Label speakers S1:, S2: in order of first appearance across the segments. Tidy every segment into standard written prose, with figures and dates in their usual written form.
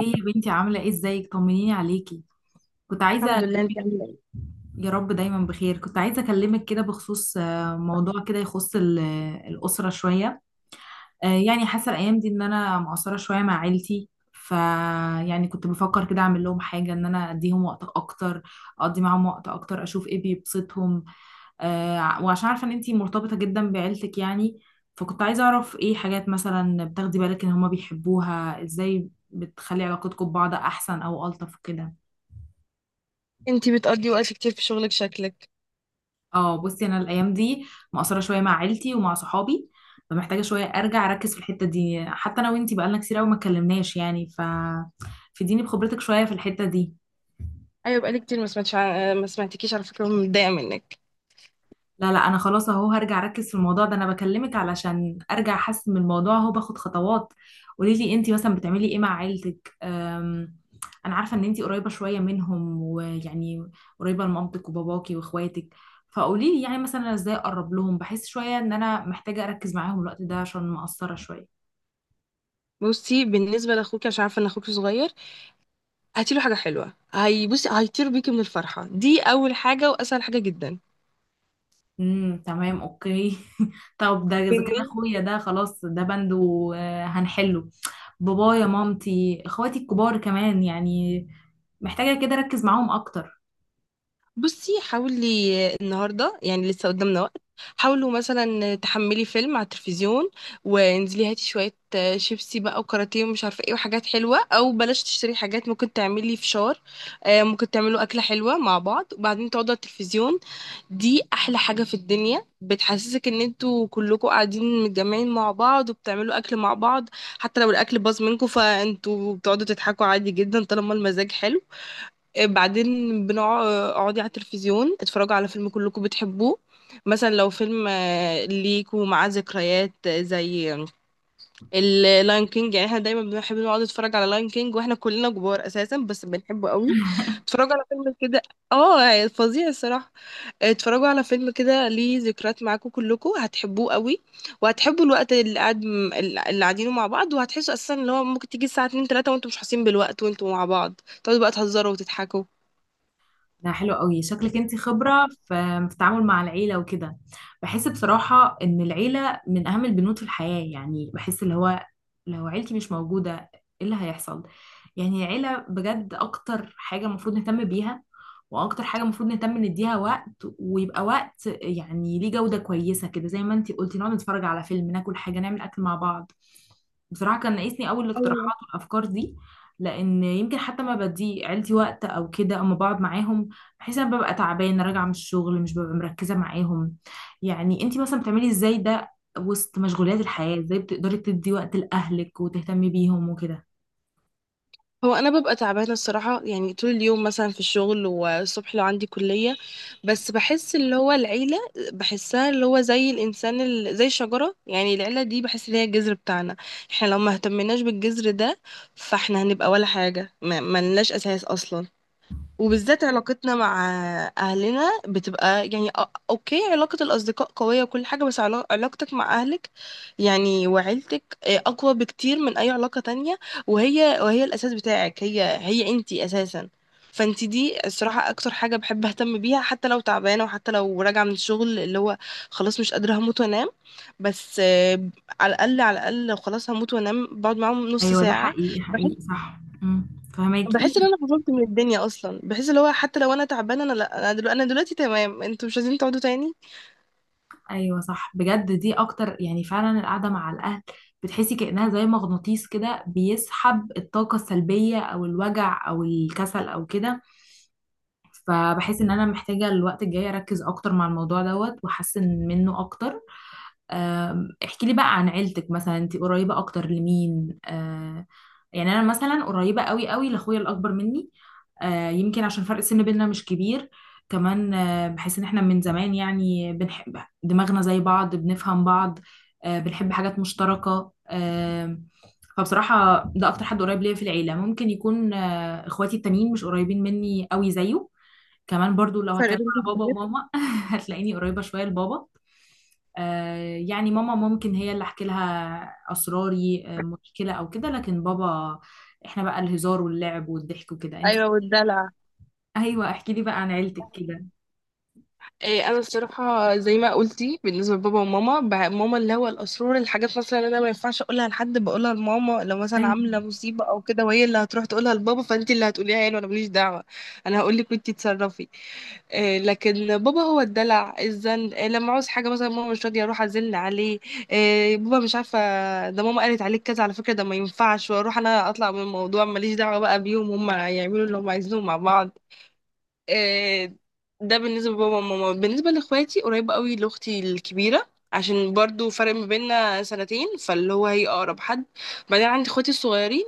S1: ايه يا بنتي عاملة ايه؟ ازيك؟ طمنيني عليكي. كنت عايزة،
S2: الحمد لله، انت عامله ايه؟
S1: يا رب دايما بخير. كنت عايزة اكلمك كده بخصوص موضوع كده يخص الأسرة شوية. يعني حاسة الأيام دي ان انا مقصرة شوية مع عيلتي، ف يعني كنت بفكر كده اعمل لهم حاجة، ان انا اديهم وقت اكتر، اقضي معاهم وقت اكتر، اشوف ايه بيبسطهم. وعشان عارفة ان انتي مرتبطة جدا بعيلتك يعني، فكنت عايزة اعرف ايه حاجات مثلا بتاخدي بالك ان هما بيحبوها، ازاي بتخلي علاقتكم ببعض احسن او الطف وكده.
S2: انت بتقضي وقت كتير في شغلك شكلك.
S1: اه بصي، انا الايام دي مقصره شويه مع عيلتي ومع صحابي، فمحتاجه شويه ارجع اركز في الحته دي. حتى انا وانتي بقالنا كتير قوي ما اتكلمناش يعني، فديني بخبرتك شويه في الحته دي.
S2: ايوه، بقالي كتير ما سمعتش ما سمعتكيش على فكره، ومتضايقه منك.
S1: لا لا، انا خلاص اهو هرجع اركز في الموضوع ده. انا بكلمك علشان ارجع احسن من الموضوع اهو، باخد خطوات. قولي لي انتي مثلا بتعملي ايه مع عيلتك؟ انا عارفه ان انتي قريبه شويه منهم ويعني قريبه لمامتك وباباكي واخواتك، فقولي لي يعني مثلا أنا ازاي اقرب لهم؟ بحس شويه ان انا محتاجه اركز معاهم الوقت ده عشان مقصره شويه.
S2: بصي، بالنسبه لاخوك، عشان عارفه ان اخوك صغير، هاتي له حاجه حلوه، هي بصي هيطير بيكي من الفرحه دي. اول حاجه واسهل حاجه جدا.
S1: امم، تمام، اوكي. طب ده اذا كان اخويا، ده خلاص، ده بند وهنحله. بابايا، مامتي، اخواتي الكبار كمان يعني، محتاجة كده اركز معاهم اكتر.
S2: بصي، حاولي النهارده يعني لسه قدامنا وقت. حاولوا مثلا تحملي فيلم على التلفزيون، وانزلي هاتي شويه شيبسي بقى، وكاراتيه ومش عارفه ايه، وحاجات حلوه. او بلاش تشتري حاجات، ممكن تعملي فشار. ممكن تعملوا اكله حلوه مع بعض، وبعدين تقعدوا على التلفزيون. دي احلى حاجه في الدنيا، بتحسسك ان انتوا كلكوا قاعدين متجمعين مع بعض وبتعملوا اكل مع بعض. حتى لو الاكل باظ منكم، فانتوا بتقعدوا تضحكوا عادي جدا طالما المزاج حلو. بعدين بنقعد، اقعدي على التلفزيون، اتفرجوا على فيلم كلكم بتحبوه. مثلا لو فيلم ليكوا معاه ذكريات، زي اللاين كينج، يعني احنا دايما بنحب نقعد نتفرج على لاين كينج، واحنا كلنا كبار اساسا، بس بنحبه قوي. اتفرجوا على فيلم كده. اه، يعني فظيع الصراحه. اتفرجوا على فيلم كده ليه ذكريات معاكم، كلكم هتحبوه قوي. وهتحبوا الوقت اللي قاعدينه مع بعض، وهتحسوا اساسا ان هو ممكن تيجي الساعه 2 3 وانتم مش حاسين بالوقت، وانتم مع بعض تقعدوا بقى تهزروا وتضحكوا.
S1: ده حلو قوي، شكلك انت خبرة في التعامل مع العيلة وكده. بحس بصراحة ان العيلة من اهم البنود في الحياة، يعني بحس اللي هو لو عيلتي مش موجودة ايه اللي هيحصل؟ يعني عيلة بجد اكتر حاجة المفروض نهتم بيها، واكتر حاجة المفروض نهتم نديها وقت، ويبقى وقت يعني ليه جودة كويسة كده، زي ما انتي قلتي نقعد نتفرج على فيلم، ناكل حاجة، نعمل اكل مع بعض. بصراحة كان ناقصني أوي الاقتراحات والأفكار دي، لأن يمكن حتى ما بدي عيلتي وقت أو كده، أما بقعد معاهم بحيث أنا ببقى تعبانة راجعة من الشغل، مش ببقى مركزة معاهم. يعني أنتي مثلا بتعملي إزاي ده وسط مشغولات الحياة؟ ازاي بتقدري تدي وقت لأهلك وتهتمي بيهم وكده؟
S2: هو انا ببقى تعبانه الصراحه، يعني طول اليوم مثلا في الشغل، والصبح لو عندي كليه. بس بحس اللي هو العيله، بحسها اللي هو زي زي الشجره، يعني العيله دي بحس ان هي الجذر بتاعنا. احنا لو ما اهتمناش بالجذر ده، فاحنا هنبقى ولا حاجه، ما لناش اساس اصلا. وبالذات علاقتنا مع اهلنا بتبقى يعني اوكي، علاقة الاصدقاء قوية وكل حاجة، بس علاقتك مع اهلك يعني وعيلتك، اقوى بكتير من اي علاقة تانية. وهي الاساس بتاعك، هي انتي اساسا. فانتي دي الصراحة اكتر حاجة بحب اهتم بيها، حتى لو تعبانة، وحتى لو راجعة من الشغل اللي هو خلاص مش قادرة، هموت وانام. بس، على الاقل، على الاقل لو خلاص هموت وانام، بقعد معاهم نص
S1: ايوه، ده
S2: ساعة.
S1: حقيقي
S2: بحس
S1: حقيقي، صح، امم.
S2: بحس
S1: فهماكي.
S2: ان انا فصلت من الدنيا اصلا، بحس اللي هو حتى لو انا تعبانه، انا لا انا دلوقتي, أنا دلوقتي تمام، انتوا مش عايزين تقعدوا تاني؟
S1: ايوه صح، بجد دي اكتر يعني، فعلا القعدة مع الأهل بتحسي كأنها زي مغناطيس كده بيسحب الطاقة السلبية او الوجع او الكسل او كده. فبحس ان انا محتاجة الوقت الجاي اركز اكتر مع الموضوع دوت واحسن منه اكتر. احكي لي بقى عن عيلتك. مثلا انت قريبة اكتر لمين؟ يعني انا مثلا قريبه قوي قوي لاخويا الاكبر مني. يمكن عشان فرق السن بيننا مش كبير. كمان بحس ان احنا من زمان يعني بنحب، دماغنا زي بعض، بنفهم بعض، بنحب حاجات مشتركه. فبصراحه ده اكتر حد قريب ليا في العيله. ممكن يكون اخواتي التانيين مش قريبين مني قوي زيه. كمان برضو لو
S2: فرق
S1: هتكلم
S2: بينكم
S1: على بابا
S2: كبير؟
S1: وماما، هتلاقيني قريبة شوية لبابا. يعني ماما ممكن هي اللي احكي لها اسراري، مشكله او كده، لكن بابا احنا بقى الهزار واللعب والضحك وكده.
S2: ايوه، والدلع.
S1: ايوه احكي لي بقى عن عيلتك كده.
S2: إيه، انا الصراحه زي ما قلتي بالنسبه لبابا وماما، ماما اللي هو الاسرار، الحاجات مثلا اللي انا ما ينفعش اقولها لحد بقولها لماما، لو مثلا عامله مصيبه او كده، وهي اللي هتروح تقولها لبابا. فانت اللي هتقوليها يعني، وانا ماليش دعوه. انا هقول لك وانت تصرفي. لكن بابا هو الدلع، الزن، لما عاوز حاجه مثلا ماما مش راضيه، اروح ازن عليه. بابا مش عارفه، ده ماما قالت عليك كذا على فكره، ده ما ينفعش. واروح انا اطلع من الموضوع، ماليش دعوه بقى بيهم، هم يعملوا اللي هم عايزينه مع بعض. آه، ده بالنسبة لبابا وماما. بالنسبة لإخواتي قريبة قوي لأختي الكبيرة، عشان برضو فرق ما بيننا سنتين، فاللي هو هي أقرب حد. بعدين عندي إخواتي الصغيرين،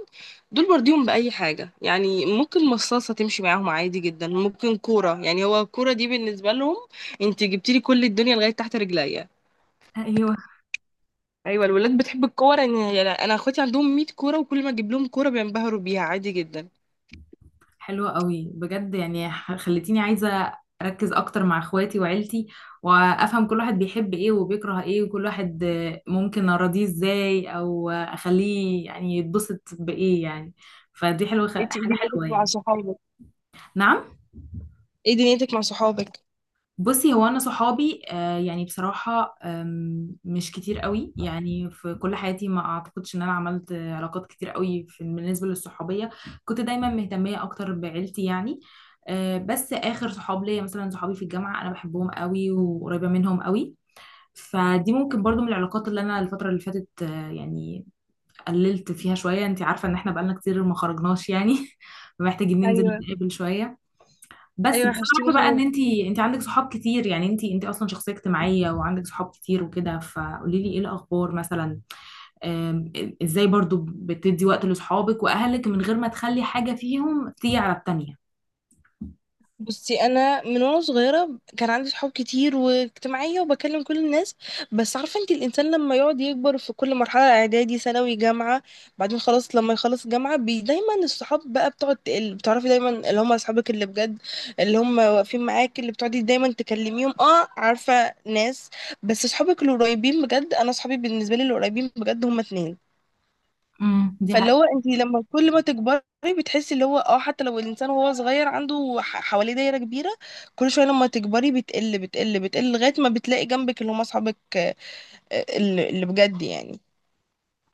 S2: دول برضيهم بأي حاجة، يعني ممكن مصاصة تمشي معاهم عادي جدا، ممكن كورة. يعني هو الكورة دي بالنسبة لهم، انت جبتيلي كل الدنيا لغاية تحت رجليا.
S1: ايوه
S2: أيوة، الولاد بتحب الكورة. يعني أنا إخواتي عندهم 100 كورة، وكل ما أجيب لهم كورة بينبهروا بيها عادي جدا.
S1: حلوة قوي بجد، يعني خلتيني عايزة أركز أكتر مع إخواتي وعيلتي، وأفهم كل واحد بيحب إيه وبيكره إيه، وكل واحد ممكن أراضيه إزاي، أو أخليه يعني يتبسط بإيه يعني. فدي حلوة،
S2: انت ايه
S1: حاجة
S2: دنيتك
S1: حلوة
S2: مع
S1: يعني.
S2: صحابك؟
S1: نعم؟
S2: ايه دنيتك مع صحابك؟
S1: بصي هو انا صحابي آه يعني بصراحه، مش كتير قوي يعني. في كل حياتي ما اعتقدش ان انا عملت علاقات كتير قوي في بالنسبه للصحوبيه. كنت دايما مهتميه اكتر بعيلتي يعني. آه بس اخر صحاب ليا مثلا صحابي في الجامعه انا بحبهم قوي وقريبه منهم قوي. فدي ممكن برضو من العلاقات اللي انا الفتره اللي فاتت آه يعني قللت فيها شويه. انت عارفه ان احنا بقالنا كتير ما خرجناش يعني، محتاجين ننزل
S2: ايوه.
S1: نتقابل شويه. بس
S2: ايوه،
S1: انا
S2: وحشتيني.
S1: عارفه بقى ان انت عندك صحاب كتير يعني، انت اصلا شخصيه اجتماعيه وعندك صحاب كتير وكده. فقولي لي ايه الاخبار مثلا، آم، ازاي برضو بتدي وقت لاصحابك واهلك من غير ما تخلي حاجه فيهم تيجي على التانيه؟
S2: بصي، انا من وانا صغيره كان عندي صحاب كتير، واجتماعيه، وبكلم كل الناس. بس عارفه انت، الانسان لما يقعد يكبر في كل مرحله، اعدادي، ثانوي، جامعه، بعدين خلاص لما يخلص جامعه، بي دايما الصحاب بقى بتقعد تقل، بتعرفي دايما اللي هم اصحابك اللي بجد، اللي هم واقفين معاك، اللي بتقعدي دايما تكلميهم. اه، عارفه ناس. بس صحابك القريبين بجد، انا صحابي بالنسبه لي القريبين بجد هم اتنين.
S1: امم، دي
S2: فاللي
S1: حقيقة.
S2: هو انت لما كل ما تكبري، بتحسي اللي هو اه، حتى لو الانسان وهو صغير عنده حواليه دايره كبيره، كل شويه لما تكبري بتقل بتقل بتقل لغايه ما بتلاقي جنبك اللي هم اصحابك، اللي بجد يعني.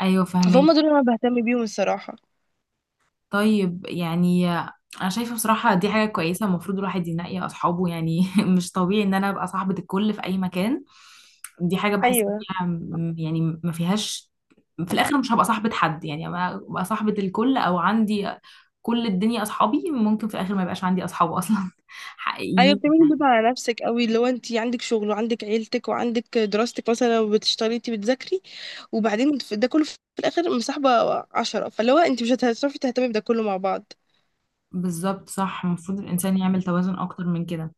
S1: ايوه
S2: فهم
S1: فاهمك.
S2: دول اللي انا بهتم بيهم الصراحه.
S1: طيب يعني انا شايفه بصراحه دي حاجه كويسه، المفروض الواحد ينقي اصحابه يعني. مش طبيعي ان انا ابقى صاحبه الكل في اي مكان. دي حاجه بحس إن
S2: ايوه.
S1: فيها يعني ما فيهاش، في الاخر مش هبقى صاحبه حد يعني. أنا ابقى صاحبه الكل او عندي كل الدنيا اصحابي، ممكن في الاخر ما يبقاش عندي اصحاب اصلا
S2: ايوه،
S1: حقيقيين.
S2: بتعملي بيض على نفسك قوي، اللي هو انت عندك شغل، وعندك عيلتك، وعندك دراستك، مثلا لو بتشتغلي انت بتذاكري، وبعدين ده كله في الاخر مصاحبه، عشرة، فاللي هو انت مش هتعرفي تهتمي بده كله مع بعض.
S1: بالظبط صح، المفروض الانسان يعمل توازن اكتر من كده.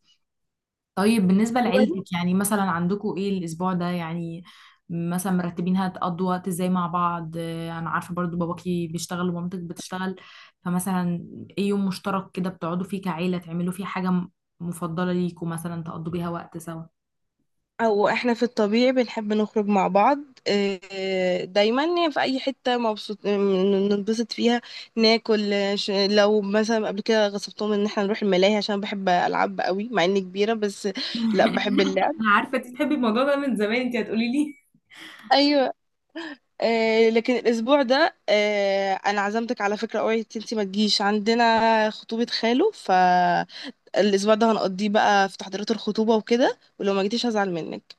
S1: طيب بالنسبة لعيلتك يعني مثلا عندكم ايه الأسبوع ده يعني؟ مثلا مرتبين هتقضوا وقت ازاي مع بعض؟ أنا عارفة برضو باباكي بيشتغل ومامتك بتشتغل، فمثلا ايه يوم مشترك كده بتقعدوا فيه كعيلة، تعملوا فيه حاجة مفضلة ليكم مثلا تقضوا بيها وقت سوا؟
S2: او احنا في الطبيعي بنحب نخرج مع بعض، دايما يعني في اي حته مبسوط ننبسط فيها، ناكل. لو مثلا قبل كده غصبتهم ان احنا نروح الملاهي، عشان بحب العب قوي مع اني كبيره، بس لا، بحب اللعب.
S1: انا عارفه انت بتحبي الموضوع ده من زمان، انت هتقولي لي.
S2: ايوه. لكن الاسبوع ده انا عزمتك على فكره، اوعي انتي ما تجيش، عندنا خطوبه خاله. فالاسبوع ده هنقضيه بقى في تحضيرات الخطوبه وكده، ولو ما جيتيش هزعل منك.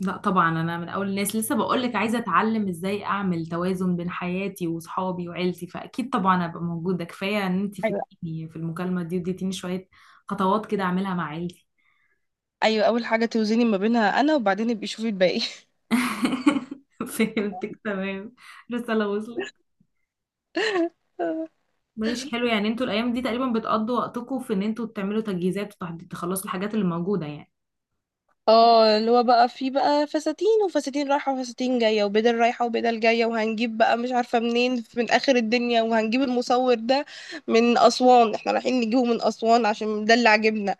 S1: لا طبعا انا من اول الناس، لسه بقول لك عايزه اتعلم ازاي اعمل توازن بين حياتي وصحابي وعيلتي، فاكيد طبعا ابقى موجوده. كفايه ان انت
S2: ايوه.
S1: فدتيني في المكالمه دي، اديتيني شويه خطوات كده اعملها مع عيلتي.
S2: ايوه، اول حاجه توزني ما بينها انا، وبعدين ابقي شوفي الباقي.
S1: فهمتك تمام، الرساله وصلت. ماشي حلو، يعني انتوا الايام دي تقريبا بتقضوا وقتكم في ان انتوا تعملوا تجهيزات وتحضير، تخلصوا الحاجات اللي موجوده يعني.
S2: اه، اللي هو بقى في بقى فساتين، وفساتين رايحة وفساتين جاية، وبدل رايحة وبدل جاية، وهنجيب بقى مش عارفة منين، من آخر الدنيا. وهنجيب المصور ده من أسوان، احنا رايحين نجيبه من أسوان عشان ده اللي عاجبنا.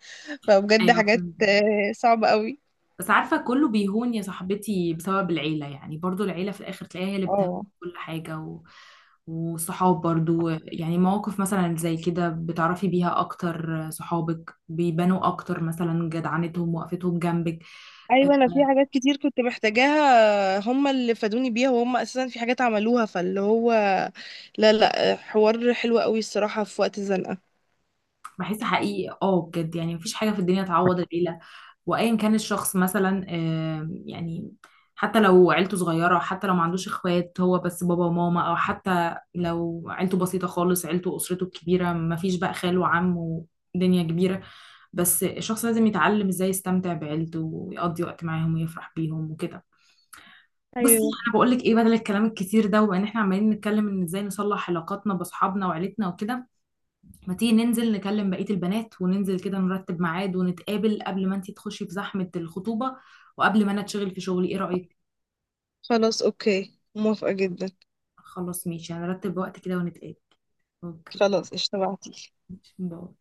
S2: فبجد
S1: ايوه
S2: حاجات
S1: فهمت.
S2: صعبة قوي.
S1: بس عارفة كله بيهون يا صاحبتي بسبب العيلة، يعني برضو العيلة في الآخر تلاقيها هي اللي بتهون
S2: اه.
S1: كل حاجة و... وصحاب برضو يعني، مواقف مثلا زي كده بتعرفي بيها أكتر صحابك بيبانوا أكتر، مثلا جدعنتهم وقفتهم جنبك. آه،
S2: ايوه، انا في حاجات كتير كنت محتاجاها هم اللي فادوني بيها، وهم اساسا في حاجات عملوها، فاللي هو لا، لا، حوار حلو قوي الصراحة في وقت الزنقة.
S1: بحس حقيقي اه بجد، يعني مفيش حاجة في الدنيا تعوض العيلة. وأيا كان الشخص مثلا، يعني حتى لو عيلته صغيرة، حتى لو ما عندوش اخوات، هو بس بابا وماما، أو حتى لو عيلته بسيطة خالص، عيلته وأسرته الكبيرة مفيش بقى خال وعم ودنيا كبيرة، بس الشخص لازم يتعلم ازاي يستمتع بعيلته ويقضي وقت معاهم ويفرح بيهم وكده. بصي
S2: ايوه.
S1: انا بقول لك ايه، بدل الكلام الكتير ده وان احنا عمالين نتكلم ان ازاي نصلح علاقاتنا باصحابنا وعيلتنا وكده، ما تيجي ننزل نكلم بقية البنات وننزل كده نرتب ميعاد ونتقابل، قبل ما انتي تخشي في زحمة الخطوبة وقبل ما انا اتشغل في شغلي، ايه رأيك؟
S2: خلاص، اوكي، موافقة جدا.
S1: خلاص ماشي، هنرتب وقت كده ونتقابل. اوكي
S2: خلاص، اشتبعتي.
S1: ماشي، باي.